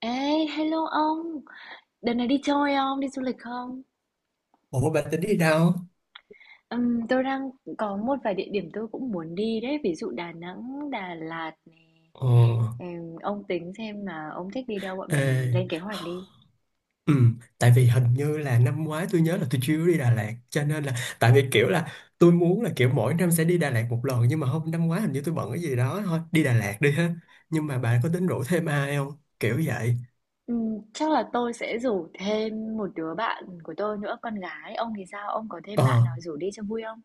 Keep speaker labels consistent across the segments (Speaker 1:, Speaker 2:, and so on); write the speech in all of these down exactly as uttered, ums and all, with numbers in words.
Speaker 1: Ê, hello ông, đợt này đi chơi không, đi du lịch không?
Speaker 2: Ủa bà tính đi đâu?
Speaker 1: Ừm, tôi đang có một vài địa điểm tôi cũng muốn đi đấy, ví dụ Đà Nẵng, Đà Lạt này.
Speaker 2: Ờ,
Speaker 1: Ừm, ông tính xem mà ông thích đi đâu, bọn mình
Speaker 2: ê,
Speaker 1: lên kế hoạch đi.
Speaker 2: ừ, Tại vì hình như là năm ngoái tôi nhớ là tôi chưa đi Đà Lạt cho nên là tại vì kiểu là tôi muốn là kiểu mỗi năm sẽ đi Đà Lạt một lần, nhưng mà hôm năm ngoái hình như tôi bận cái gì đó. Thôi đi Đà Lạt đi ha, nhưng mà bà có tính rủ thêm ai không kiểu vậy?
Speaker 1: Ừm, chắc là tôi sẽ rủ thêm một đứa bạn của tôi nữa, con gái. Ông thì sao? Ông có thêm
Speaker 2: ờ
Speaker 1: bạn nào rủ đi cho vui không?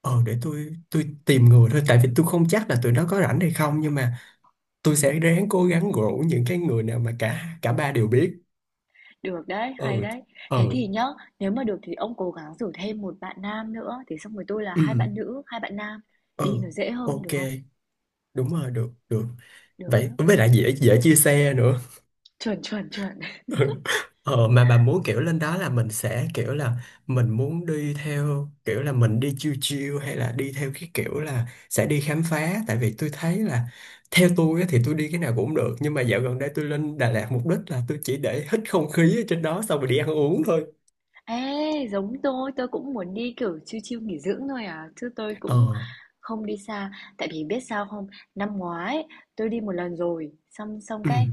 Speaker 2: ờ để tôi tôi tìm người thôi, tại vì tôi không chắc là tụi nó có rảnh hay không, nhưng mà tôi sẽ ráng cố gắng rủ những cái người nào mà cả cả ba đều biết.
Speaker 1: Được đấy, hay
Speaker 2: Ừ
Speaker 1: đấy. Thế
Speaker 2: ừ
Speaker 1: thì nhá, nếu mà được thì ông cố gắng rủ thêm một bạn nam nữa, thì xong rồi tôi là
Speaker 2: ừ
Speaker 1: hai bạn nữ, hai bạn nam. Đi
Speaker 2: ừ,
Speaker 1: nó dễ hơn
Speaker 2: ok,
Speaker 1: được không?
Speaker 2: đúng rồi, được được.
Speaker 1: Được đó.
Speaker 2: Vậy với lại dễ dễ chia xe nữa.
Speaker 1: Chuẩn, chuẩn, chuẩn.
Speaker 2: Ờ, mà bà muốn kiểu lên đó là mình sẽ kiểu là mình muốn đi theo kiểu là mình đi chill chill, hay là đi theo cái kiểu là sẽ đi khám phá? Tại vì tôi thấy là theo tôi á thì tôi đi cái nào cũng được, nhưng mà dạo gần đây tôi lên Đà Lạt mục đích là tôi chỉ để hít không khí ở trên đó xong rồi đi ăn uống thôi.
Speaker 1: Ê, giống tôi, tôi cũng muốn đi, kiểu, chill chill nghỉ dưỡng thôi à, chứ tôi cũng
Speaker 2: Ờ,
Speaker 1: không đi xa. Tại vì biết sao không? Năm ngoái tôi đi một lần rồi, xong xong
Speaker 2: ừ,
Speaker 1: cái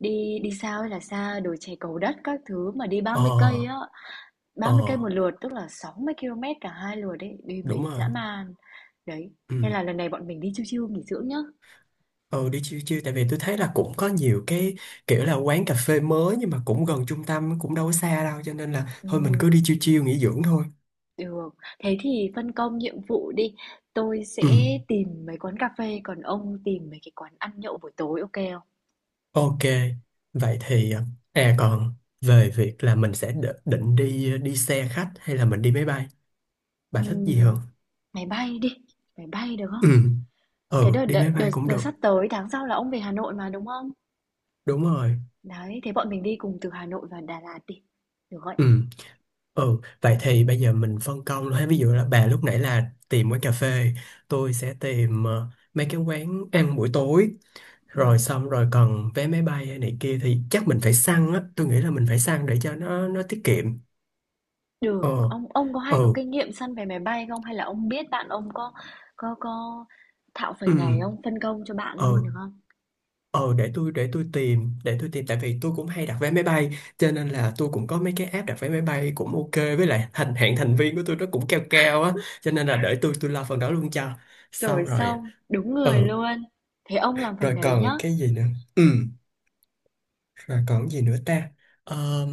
Speaker 1: đi đi xa ơi là xa, đồi chè Cầu Đất các thứ mà đi ba
Speaker 2: ờ
Speaker 1: mươi cây á, ba mươi cây
Speaker 2: ờ,
Speaker 1: một lượt, tức là sáu mươi cây số cả hai lượt đấy, đi mệt
Speaker 2: đúng rồi,
Speaker 1: dã man. Đấy, nên
Speaker 2: ừ.
Speaker 1: là lần này bọn mình đi chill chill nghỉ dưỡng nhá.
Speaker 2: Ừ, đi chill chill, tại vì tôi thấy là cũng có nhiều cái kiểu là quán cà phê mới nhưng mà cũng gần trung tâm, cũng đâu có xa đâu, cho nên là thôi mình cứ đi
Speaker 1: Ừm.
Speaker 2: chill chill nghỉ dưỡng thôi.
Speaker 1: Được, thế thì phân công nhiệm vụ đi, tôi
Speaker 2: Ừ.
Speaker 1: sẽ tìm mấy quán cà phê, còn ông tìm mấy cái quán ăn nhậu buổi tối, ok không?
Speaker 2: Ok. Vậy thì, à còn về việc là mình sẽ đ- định đi đi xe khách hay là mình đi máy bay, bà thích gì hơn?
Speaker 1: Ừm, máy bay đi, máy bay được
Speaker 2: Ừ.
Speaker 1: không? Cái
Speaker 2: Ừ,
Speaker 1: đợt,
Speaker 2: đi
Speaker 1: đợt,
Speaker 2: máy bay
Speaker 1: đợt,
Speaker 2: cũng
Speaker 1: đợt
Speaker 2: được.
Speaker 1: sắp tới, tháng sau là ông về Hà Nội mà đúng không?
Speaker 2: Đúng rồi.
Speaker 1: Đấy, thế bọn mình đi cùng từ Hà Nội và Đà Lạt đi, được không?
Speaker 2: Ừ. Ừ, vậy thì bây giờ mình phân công luôn ha. Ví dụ là bà lúc nãy là tìm quán cà phê, tôi sẽ tìm ờ, mấy cái quán ăn buổi tối, rồi
Speaker 1: Ừm,
Speaker 2: xong rồi còn vé máy bay hay này kia thì chắc mình phải săn á, tôi nghĩ là mình phải săn để cho nó nó tiết kiệm.
Speaker 1: được,
Speaker 2: Ờ
Speaker 1: ông ông có
Speaker 2: ờ
Speaker 1: hay có kinh nghiệm săn vé máy bay không? Hay là ông biết bạn ông có có có thạo
Speaker 2: ừ
Speaker 1: phần này không? Phân công cho bạn
Speaker 2: ờ
Speaker 1: luôn được không?
Speaker 2: ờ, để tôi để tôi tìm để tôi tìm tại vì tôi cũng hay đặt vé máy bay, cho nên là tôi cũng có mấy cái app đặt vé máy bay cũng ok, với lại thành hạng thành viên của tôi nó cũng cao cao á, cho nên là để tôi tôi lo phần đó luôn cho. Xong
Speaker 1: Rồi
Speaker 2: rồi
Speaker 1: xong, đúng người
Speaker 2: ờ,
Speaker 1: luôn. Thế ông làm phần
Speaker 2: rồi
Speaker 1: đấy nhá.
Speaker 2: còn cái gì nữa, ừ, rồi còn cái gì nữa ta. Ờ,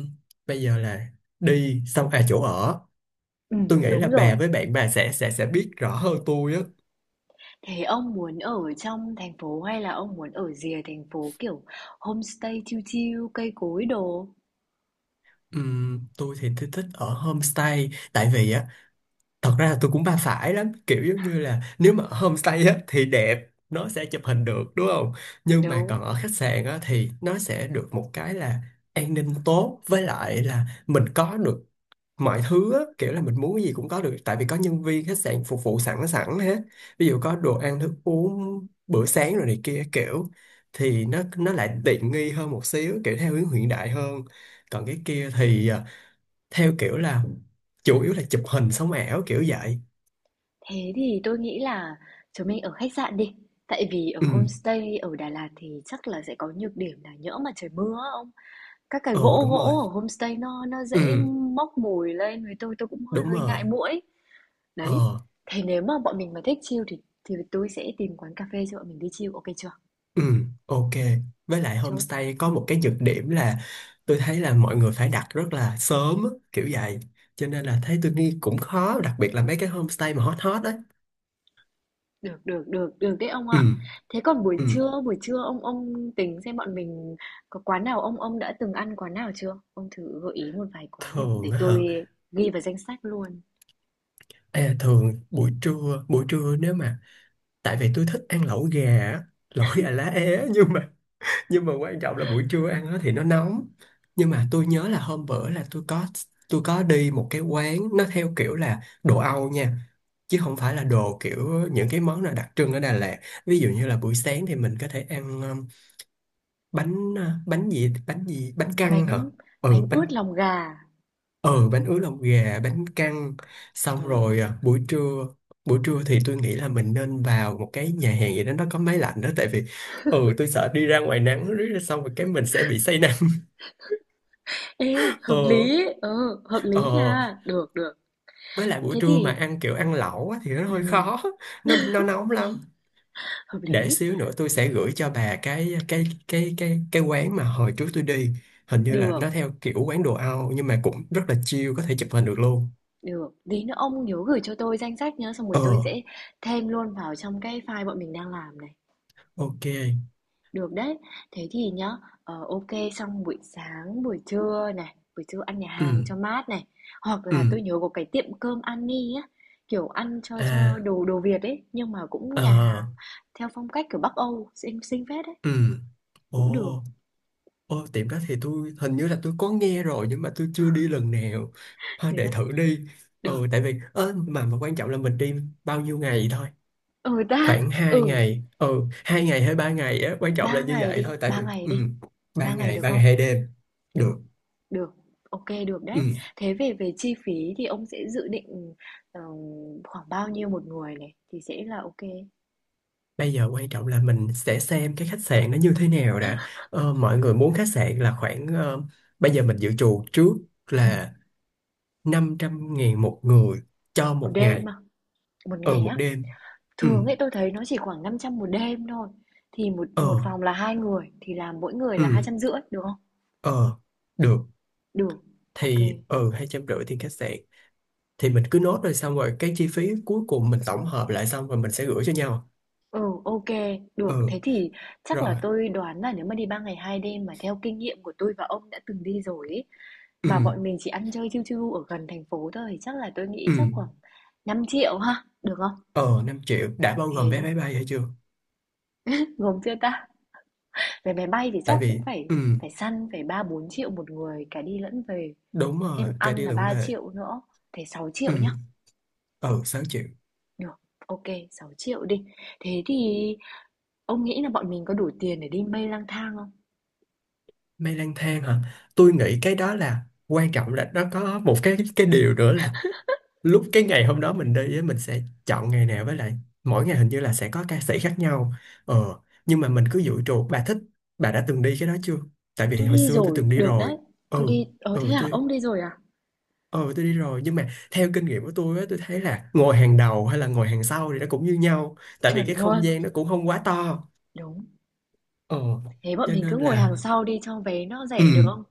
Speaker 2: bây giờ là đi xong à chỗ ở,
Speaker 1: Ừ
Speaker 2: tôi nghĩ là
Speaker 1: đúng rồi.
Speaker 2: bà với bạn bà sẽ sẽ sẽ biết rõ hơn tôi á.
Speaker 1: Thế ông muốn ở trong thành phố hay là ông muốn ở rìa thành phố, kiểu, homestay chill chill, cây cối đồ?
Speaker 2: Ừm, tôi thì tôi thích ở homestay, tại vì á thật ra là tôi cũng ba phải lắm, kiểu giống như là nếu mà ở homestay á thì đẹp, nó sẽ chụp hình được đúng không, nhưng mà
Speaker 1: Đúng.
Speaker 2: còn ở khách sạn á thì nó sẽ được một cái là an ninh tốt, với lại là mình có được mọi thứ á, kiểu là mình muốn cái gì cũng có được, tại vì có nhân viên khách sạn phục vụ sẵn sẵn hết, ví dụ có đồ ăn thức uống bữa sáng rồi này kia kiểu, thì nó nó lại tiện nghi hơn một xíu, kiểu theo hướng hiện đại hơn. Còn cái kia thì à, theo kiểu là chủ yếu là chụp hình sống ảo kiểu vậy.
Speaker 1: Thế thì tôi nghĩ là chúng mình ở khách sạn đi. Tại vì ở
Speaker 2: Ừ,
Speaker 1: homestay ở Đà Lạt thì chắc là sẽ có nhược điểm là nhỡ mà trời mưa á ông. Các cái
Speaker 2: ừ,
Speaker 1: gỗ
Speaker 2: đúng rồi,
Speaker 1: gỗ ở homestay nó nó dễ
Speaker 2: ừ
Speaker 1: móc mùi lên với tôi tôi cũng hơi
Speaker 2: đúng
Speaker 1: hơi
Speaker 2: rồi
Speaker 1: ngại muỗi. Đấy.
Speaker 2: ờ.
Speaker 1: Thế nếu mà bọn mình mà thích chill thì thì tôi sẽ tìm quán cà phê cho bọn mình đi chill, ok chưa?
Speaker 2: Ừ, ok. Với lại
Speaker 1: Chốt.
Speaker 2: homestay có một cái nhược điểm là tôi thấy là mọi người phải đặt rất là sớm á, kiểu vậy. Cho nên là thấy tôi nghĩ cũng khó, đặc biệt là mấy cái homestay mà hot hot đấy.
Speaker 1: Được, được, được, được đấy ông
Speaker 2: Ừ,
Speaker 1: ạ. Thế còn buổi
Speaker 2: ừ.
Speaker 1: trưa, buổi trưa ông ông tính xem bọn mình có quán nào ông ông đã từng ăn quán nào chưa? Ông thử gợi ý một vài quán để,
Speaker 2: Thường
Speaker 1: để
Speaker 2: á hả?
Speaker 1: tôi ghi vào danh sách luôn.
Speaker 2: Ê, thường buổi trưa, buổi trưa nếu mà, tại vì tôi thích ăn lẩu gà, á, lẩu gà lá é, nhưng mà nhưng mà quan trọng là buổi trưa ăn nó thì nó nóng. Nhưng mà tôi nhớ là hôm bữa là tôi có, tôi có đi một cái quán nó theo kiểu là đồ Âu nha, chứ không phải là đồ kiểu những cái món nào đặc trưng ở Đà Lạt. Ví dụ như là buổi sáng thì mình có thể ăn um, bánh uh, bánh gì bánh gì bánh căn hả.
Speaker 1: Bánh bánh
Speaker 2: Ừ bánh,
Speaker 1: ướt lòng gà.
Speaker 2: ừ bánh ướt lòng gà, bánh căn. Xong
Speaker 1: Đúng.
Speaker 2: rồi uh, buổi trưa, buổi trưa thì tôi nghĩ là mình nên vào một cái nhà hàng gì đó nó có máy lạnh đó, tại vì ừ tôi sợ đi ra ngoài nắng riết xong rồi cái mình sẽ bị say nắng.
Speaker 1: Ê, hợp
Speaker 2: Ờ
Speaker 1: lý. Ừ, hợp lý
Speaker 2: ờ,
Speaker 1: nha. Được, được.
Speaker 2: với lại buổi
Speaker 1: Thế
Speaker 2: trưa mà
Speaker 1: thì
Speaker 2: ăn kiểu ăn lẩu á, thì nó hơi
Speaker 1: ừm,
Speaker 2: khó, nó nó nóng lắm.
Speaker 1: hợp
Speaker 2: Để
Speaker 1: lý.
Speaker 2: xíu nữa tôi sẽ gửi cho bà cái cái cái cái cái quán mà hồi trước tôi đi, hình như là
Speaker 1: Được,
Speaker 2: nó theo kiểu quán đồ Âu nhưng mà cũng rất là chill, có thể chụp hình được luôn.
Speaker 1: được. Tí nữa ông nhớ gửi cho tôi danh sách nhá, xong rồi
Speaker 2: Ờ,
Speaker 1: tôi sẽ thêm luôn vào trong cái file bọn mình đang làm này.
Speaker 2: ok,
Speaker 1: Được đấy. Thế thì nhá, ờ, ô xong buổi sáng, buổi trưa này, buổi trưa ăn nhà hàng
Speaker 2: ừ
Speaker 1: cho mát này, hoặc là
Speaker 2: ừ
Speaker 1: tôi nhớ có cái tiệm cơm Annie á, kiểu, ăn cho
Speaker 2: à
Speaker 1: cho đồ đồ Việt ấy, nhưng mà cũng nhà
Speaker 2: ờ
Speaker 1: hàng theo phong cách, kiểu, Bắc Âu, xinh xinh phết đấy,
Speaker 2: ừ ồ.
Speaker 1: cũng được.
Speaker 2: Ô tiệm đó thì tôi hình như là tôi có nghe rồi nhưng mà tôi chưa đi lần nào, ha
Speaker 1: Thế
Speaker 2: để
Speaker 1: à?
Speaker 2: thử đi. Ừ
Speaker 1: Được.
Speaker 2: tại vì ơ, mà mà quan trọng là mình đi bao nhiêu ngày thôi.
Speaker 1: Ừ ta,
Speaker 2: Khoảng hai
Speaker 1: ừ,
Speaker 2: ngày ừ hai ngày hay ba ngày á, quan trọng là
Speaker 1: ba
Speaker 2: như
Speaker 1: ngày
Speaker 2: vậy
Speaker 1: đi,
Speaker 2: thôi tại
Speaker 1: ba
Speaker 2: vì
Speaker 1: ngày
Speaker 2: ừ,
Speaker 1: đi.
Speaker 2: ba
Speaker 1: Ba ngày
Speaker 2: ngày,
Speaker 1: được
Speaker 2: ba ngày
Speaker 1: không?
Speaker 2: hai đêm
Speaker 1: Được,
Speaker 2: Được,
Speaker 1: được. Ok được đấy.
Speaker 2: ừ.
Speaker 1: Thế về về chi phí thì ông sẽ dự định, ờ, khoảng bao nhiêu một người này thì sẽ là ok, ừ.
Speaker 2: Bây giờ quan trọng là mình sẽ xem cái khách sạn nó như thế nào đã. Ờ, mọi người muốn khách sạn là khoảng ờ, bây giờ mình dự trù trước là năm trăm ngàn một người cho
Speaker 1: Một
Speaker 2: một
Speaker 1: đêm
Speaker 2: ngày.
Speaker 1: mà. Một
Speaker 2: Ừ
Speaker 1: ngày
Speaker 2: một
Speaker 1: á?
Speaker 2: đêm. Ừ
Speaker 1: Thường ấy tôi thấy nó chỉ khoảng năm trăm một đêm thôi. Thì một một
Speaker 2: ờ
Speaker 1: phòng là hai người thì là mỗi người
Speaker 2: ừ
Speaker 1: là hai trăm rưỡi được không?
Speaker 2: ờ, được.
Speaker 1: Được. Ok.
Speaker 2: Thì ừ hai trăm rưỡi tiền khách sạn, thì mình cứ nốt rồi xong rồi cái chi phí cuối cùng mình tổng hợp lại xong rồi mình sẽ gửi cho nhau.
Speaker 1: Ừ ok, được.
Speaker 2: Ừ.
Speaker 1: Thế thì chắc là
Speaker 2: Rồi.
Speaker 1: tôi đoán là nếu mà đi ba ngày hai đêm mà theo kinh nghiệm của tôi và ông đã từng đi rồi ấy,
Speaker 2: Ừ.
Speaker 1: mà bọn mình chỉ ăn chơi chiêu chiêu ở gần thành phố thôi thì chắc là tôi nghĩ
Speaker 2: Ừ.
Speaker 1: chắc khoảng năm triệu ha, được không?
Speaker 2: Ờ năm triệu đã bao gồm vé
Speaker 1: Thế
Speaker 2: máy bay hay chưa?
Speaker 1: gồm chưa ta? Vé máy bay thì
Speaker 2: Tại
Speaker 1: chắc cũng
Speaker 2: vì
Speaker 1: phải
Speaker 2: ừ
Speaker 1: phải săn phải ba bốn triệu một người cả đi lẫn về.
Speaker 2: đúng
Speaker 1: Thêm
Speaker 2: rồi, cả
Speaker 1: ăn
Speaker 2: đi
Speaker 1: là
Speaker 2: lẫn
Speaker 1: ba
Speaker 2: về.
Speaker 1: triệu nữa, thế sáu
Speaker 2: Ừ.
Speaker 1: triệu nhá.
Speaker 2: Ờ sáu triệu.
Speaker 1: Được, ok, sáu triệu đi. Thế thì ông nghĩ là bọn mình có đủ tiền để đi mây lang thang không?
Speaker 2: Mây lang thang hả? Tôi nghĩ cái đó là quan trọng là nó có một cái cái điều nữa là lúc cái ngày hôm đó mình đi á, mình sẽ chọn ngày nào, với lại mỗi ngày hình như là sẽ có ca sĩ khác nhau. Ờ nhưng mà mình cứ dự trù, bà thích, bà đã từng đi cái đó chưa? Tại vì
Speaker 1: Tôi
Speaker 2: hồi
Speaker 1: đi
Speaker 2: xưa tôi
Speaker 1: rồi,
Speaker 2: từng đi
Speaker 1: được
Speaker 2: rồi.
Speaker 1: đấy.
Speaker 2: Ừ.
Speaker 1: Tôi đi, ờ thế
Speaker 2: Ừ
Speaker 1: à,
Speaker 2: tôi,
Speaker 1: ông đi rồi à?
Speaker 2: Ờ tôi đi rồi, nhưng mà theo kinh nghiệm của tôi á tôi thấy là ngồi hàng đầu hay là ngồi hàng sau thì nó cũng như nhau, tại vì
Speaker 1: Chuẩn
Speaker 2: cái không
Speaker 1: luôn,
Speaker 2: gian nó cũng không quá to.
Speaker 1: đúng.
Speaker 2: Ờ
Speaker 1: Thế bọn
Speaker 2: cho
Speaker 1: mình cứ
Speaker 2: nên
Speaker 1: ngồi
Speaker 2: là
Speaker 1: hàng sau đi cho vé nó
Speaker 2: ừ,
Speaker 1: rẻ được không?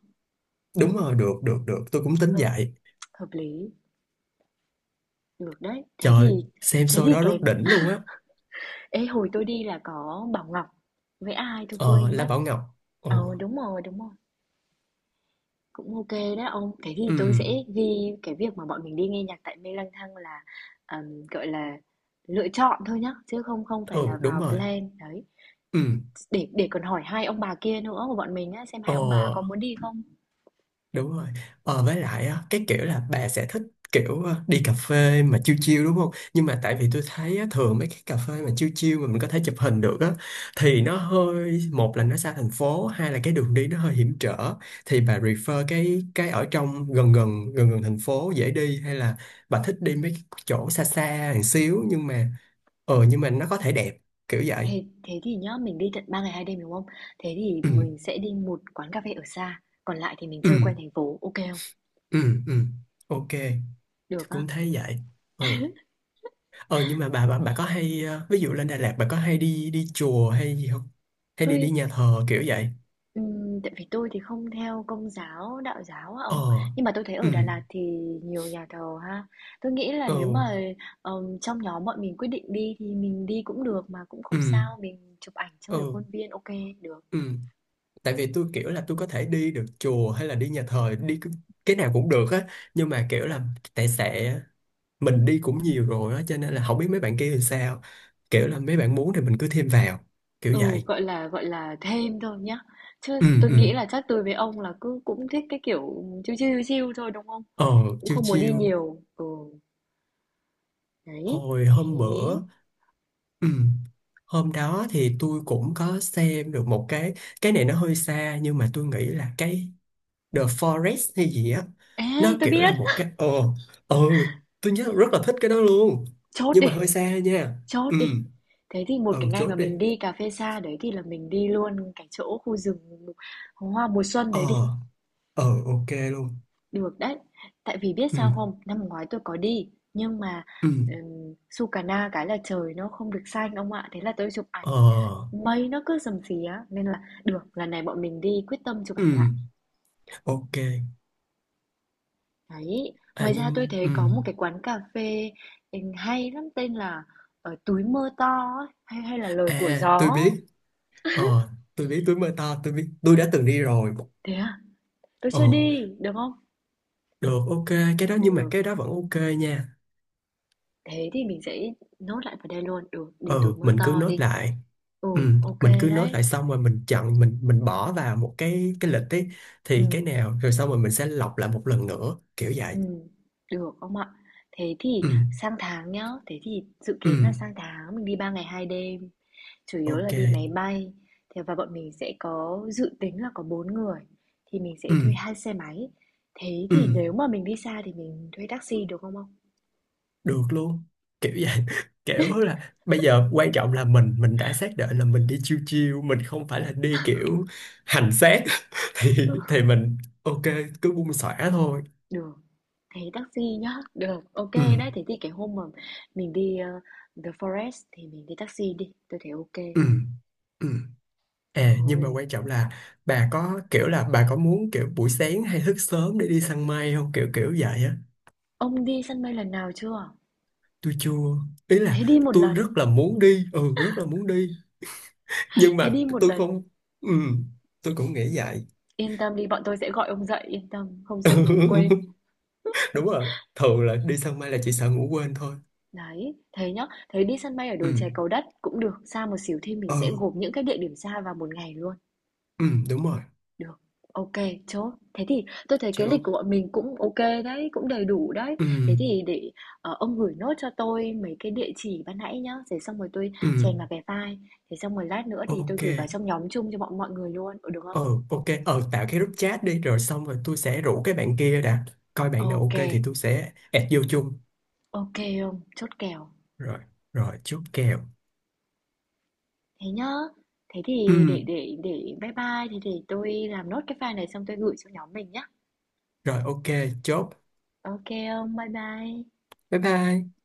Speaker 2: đúng rồi, được được được, tôi cũng tính
Speaker 1: Hợp,
Speaker 2: vậy.
Speaker 1: hợp lý, được đấy. Thế thì,
Speaker 2: Trời xem
Speaker 1: thế
Speaker 2: show
Speaker 1: thì
Speaker 2: đó rất
Speaker 1: cái,
Speaker 2: đỉnh luôn á.
Speaker 1: ê hồi tôi đi là có Bảo Ngọc với ai tôi
Speaker 2: Ờ
Speaker 1: quên
Speaker 2: La
Speaker 1: mất.
Speaker 2: Bảo Ngọc, ờ
Speaker 1: Ờ, đúng rồi, đúng rồi. Cũng ok đó ông. Cái gì
Speaker 2: ừ
Speaker 1: tôi sẽ ghi cái việc mà bọn mình đi nghe nhạc tại Mê Lang Thang là, ờm, gọi là, lựa chọn thôi nhá, chứ không không phải là
Speaker 2: ừ đúng
Speaker 1: vào
Speaker 2: rồi,
Speaker 1: plan, đấy.
Speaker 2: ừ
Speaker 1: Để để còn hỏi hai ông bà kia nữa của bọn mình á, xem hai
Speaker 2: ờ
Speaker 1: ông bà có muốn đi không.
Speaker 2: đúng rồi. Ờ, với lại á, cái kiểu là bà sẽ thích kiểu ờ, đi cà phê mà chill chill đúng không, nhưng mà tại vì tôi thấy á, thường mấy cái cà phê mà chill chill mà mình có thể chụp hình được á thì nó hơi, một là nó xa thành phố, hai là cái đường đi nó hơi hiểm trở. Thì bà refer cái cái ở trong gần gần gần gần thành phố dễ đi, hay là bà thích đi mấy cái chỗ xa xa một xíu nhưng mà ờ, nhưng mà nó có thể đẹp, kiểu vậy.
Speaker 1: Thế thế thì nhá, mình đi tận ba ngày hai đêm, đúng không? Thế thì
Speaker 2: Ừ
Speaker 1: mình sẽ đi một quán cà phê ở xa, còn lại thì mình
Speaker 2: ừ
Speaker 1: chơi quanh thành phố, ok không?
Speaker 2: ừ ừ ok,
Speaker 1: Được
Speaker 2: tôi
Speaker 1: á.
Speaker 2: cũng thấy vậy. Ừ. Ờ nhưng mà bà bà bà có hay ờ, ví dụ lên Đà Lạt bà có hay đi đi chùa hay gì không? Hay đi
Speaker 1: Tôi
Speaker 2: đi nhà thờ kiểu vậy?
Speaker 1: Ừm, tại vì tôi thì không theo Công giáo, Đạo giáo á ông,
Speaker 2: Ờ.
Speaker 1: nhưng mà tôi thấy
Speaker 2: Ừ.
Speaker 1: ở Đà Lạt thì nhiều nhà thờ ha. Tôi nghĩ là nếu
Speaker 2: Ừ.
Speaker 1: mà ờm, trong nhóm bọn mình quyết định đi thì mình đi cũng được mà cũng
Speaker 2: Ừ.
Speaker 1: không sao, mình chụp ảnh chơi ở
Speaker 2: Ừ.
Speaker 1: khuôn viên ok được.
Speaker 2: Ừ. Tại vì tôi kiểu là tôi có thể đi được chùa hay là đi nhà thờ đi, cái cái nào cũng được á, nhưng mà kiểu là tại sẽ mình đi cũng nhiều rồi á, cho nên là không biết mấy bạn kia thì sao. Kiểu là mấy bạn muốn thì mình cứ thêm vào, kiểu
Speaker 1: Ừ,
Speaker 2: vậy.
Speaker 1: gọi là gọi là thêm thôi nhá. Chứ
Speaker 2: Ừ
Speaker 1: tôi
Speaker 2: ừ.
Speaker 1: nghĩ là chắc tôi với ông là cứ cũng thích cái kiểu chill chill chill thôi đúng không?
Speaker 2: Ờ
Speaker 1: Cũng
Speaker 2: chiêu
Speaker 1: không muốn đi
Speaker 2: chiêu
Speaker 1: nhiều. Ừ, đấy.
Speaker 2: hồi
Speaker 1: Thế.
Speaker 2: hôm bữa. Ừ. Hôm đó thì tôi cũng có xem được một cái cái này nó hơi xa nhưng mà tôi nghĩ là cái The Forest hay gì á, nó
Speaker 1: Ê, tôi
Speaker 2: kiểu là
Speaker 1: biết.
Speaker 2: một cái ờ, ờ tôi nhớ rất là thích cái đó luôn,
Speaker 1: Chốt
Speaker 2: nhưng
Speaker 1: đi.
Speaker 2: mà hơi xa nha.
Speaker 1: Chốt
Speaker 2: Ừ
Speaker 1: đi. Thế thì một
Speaker 2: ừ
Speaker 1: cái ngày mà
Speaker 2: chốt đi,
Speaker 1: mình đi cà phê xa đấy thì là mình đi luôn cái chỗ khu rừng hoa mùa xuân đấy
Speaker 2: ờ
Speaker 1: đi.
Speaker 2: ờ ok luôn.
Speaker 1: Được đấy. Tại vì biết
Speaker 2: Ừ
Speaker 1: sao không? Năm ngoái tôi có đi nhưng mà
Speaker 2: ừ
Speaker 1: um, Sukarna cái là trời nó không được xanh ông ạ. Thế là tôi chụp ảnh
Speaker 2: ờ
Speaker 1: mây nó cứ rầm xí á nên là được lần này bọn mình đi quyết tâm chụp ảnh
Speaker 2: ừ
Speaker 1: lại
Speaker 2: ok.
Speaker 1: đấy.
Speaker 2: À
Speaker 1: Ngoài ra tôi
Speaker 2: nhưng
Speaker 1: thấy
Speaker 2: ừ,
Speaker 1: có một cái quán cà phê ừ, hay lắm tên là ở túi mưa to ấy, hay hay là lời của
Speaker 2: à
Speaker 1: gió.
Speaker 2: tôi biết, ờ tôi biết, tôi mơ to tôi biết, tôi đã từng đi rồi.
Speaker 1: Thế à? Tôi
Speaker 2: Ờ,
Speaker 1: chưa đi, được không?
Speaker 2: được, ok, cái đó nhưng mà
Speaker 1: Được,
Speaker 2: cái đó vẫn ok nha.
Speaker 1: thế thì mình sẽ nốt lại vào đây luôn. Được, đi túi
Speaker 2: Ừ
Speaker 1: mưa
Speaker 2: mình cứ
Speaker 1: to
Speaker 2: nốt
Speaker 1: đi.
Speaker 2: lại
Speaker 1: Ừ,
Speaker 2: ừ,
Speaker 1: ok
Speaker 2: mình cứ nốt
Speaker 1: đấy.
Speaker 2: lại xong rồi mình chọn mình mình bỏ vào một cái cái lịch ấy,
Speaker 1: Ừ,
Speaker 2: thì cái nào rồi xong rồi mình sẽ lọc lại một lần nữa kiểu vậy.
Speaker 1: ừ, được ông ạ. Thế thì
Speaker 2: Ừ,
Speaker 1: sang tháng nhá, thế thì dự
Speaker 2: ừ,
Speaker 1: kiến là sang tháng mình đi ba ngày hai đêm. Chủ yếu là
Speaker 2: ok.
Speaker 1: đi máy bay. Thế và bọn mình sẽ có dự tính là có bốn người. Thì mình sẽ thuê
Speaker 2: Ừ,
Speaker 1: hai xe máy. Thế
Speaker 2: ừ,
Speaker 1: thì nếu mà mình đi xa thì mình thuê taxi được không ông?
Speaker 2: được luôn kiểu vậy. Kiểu là bây giờ quan trọng là mình mình đã xác định là mình đi chill chill, mình không phải là đi kiểu hành xác. thì thì mình ok, cứ buông xõa thôi.
Speaker 1: Được, thế taxi nhá. Được, ok
Speaker 2: Ừ,
Speaker 1: đấy. Thế thì cái hôm mà mình đi ờ, The Forest thì mình đi taxi đi. Tôi thấy ok.
Speaker 2: ừ, ừ. À, nhưng mà
Speaker 1: Rồi.
Speaker 2: quan trọng là bà có kiểu là bà có muốn kiểu buổi sáng hay thức sớm để đi săn mây không, kiểu kiểu vậy á.
Speaker 1: Ông đi sân bay lần nào chưa?
Speaker 2: Tôi chưa, ý
Speaker 1: Thế
Speaker 2: là
Speaker 1: đi một
Speaker 2: tôi
Speaker 1: lần.
Speaker 2: rất là muốn đi, ừ rất là muốn đi, nhưng
Speaker 1: Thế
Speaker 2: mà
Speaker 1: đi một
Speaker 2: tôi
Speaker 1: lần.
Speaker 2: không. Ừ tôi
Speaker 1: Ừ.
Speaker 2: cũng nghĩ vậy.
Speaker 1: Yên tâm đi, bọn tôi sẽ gọi ông dậy. Yên tâm, không sợ ngủ quên.
Speaker 2: Đúng rồi, thường là đi săn mây là chỉ sợ ngủ quên thôi.
Speaker 1: Đấy, thế nhá. Thế đi sân bay ở đồi
Speaker 2: Ừ
Speaker 1: chè Cầu Đất cũng được. Xa một xíu thì mình
Speaker 2: ừ
Speaker 1: sẽ gộp những cái địa điểm xa vào một ngày luôn.
Speaker 2: ừ đúng rồi
Speaker 1: Được, ok, chốt. Thế thì tôi thấy cái lịch
Speaker 2: chứ.
Speaker 1: của bọn mình cũng ok đấy, cũng đầy đủ đấy.
Speaker 2: Ừ
Speaker 1: Thế thì để, ờ, ông gửi nốt cho tôi mấy cái địa chỉ ban nãy nhá, để xong rồi tôi
Speaker 2: ừ
Speaker 1: chèn vào cái file, thế xong rồi lát nữa thì tôi
Speaker 2: ok,
Speaker 1: gửi vào trong nhóm chung cho bọn mọi người luôn, ừ, được không?
Speaker 2: ờ ok. Ờ tạo cái group chat đi, rồi xong rồi tôi sẽ rủ cái bạn kia đã, coi bạn nào
Speaker 1: Ok,
Speaker 2: ok thì
Speaker 1: ok,
Speaker 2: tôi sẽ add vô chung.
Speaker 1: ông, chốt kèo.
Speaker 2: Rồi, rồi chốt kèo.
Speaker 1: Thế nhá. Thế
Speaker 2: Ừ
Speaker 1: thì để để để bye bye, thì để tôi làm nốt cái file này xong tôi gửi cho nhóm mình nhá.
Speaker 2: rồi ok, chốt,
Speaker 1: Ok, ông, bye bye.
Speaker 2: bye bye.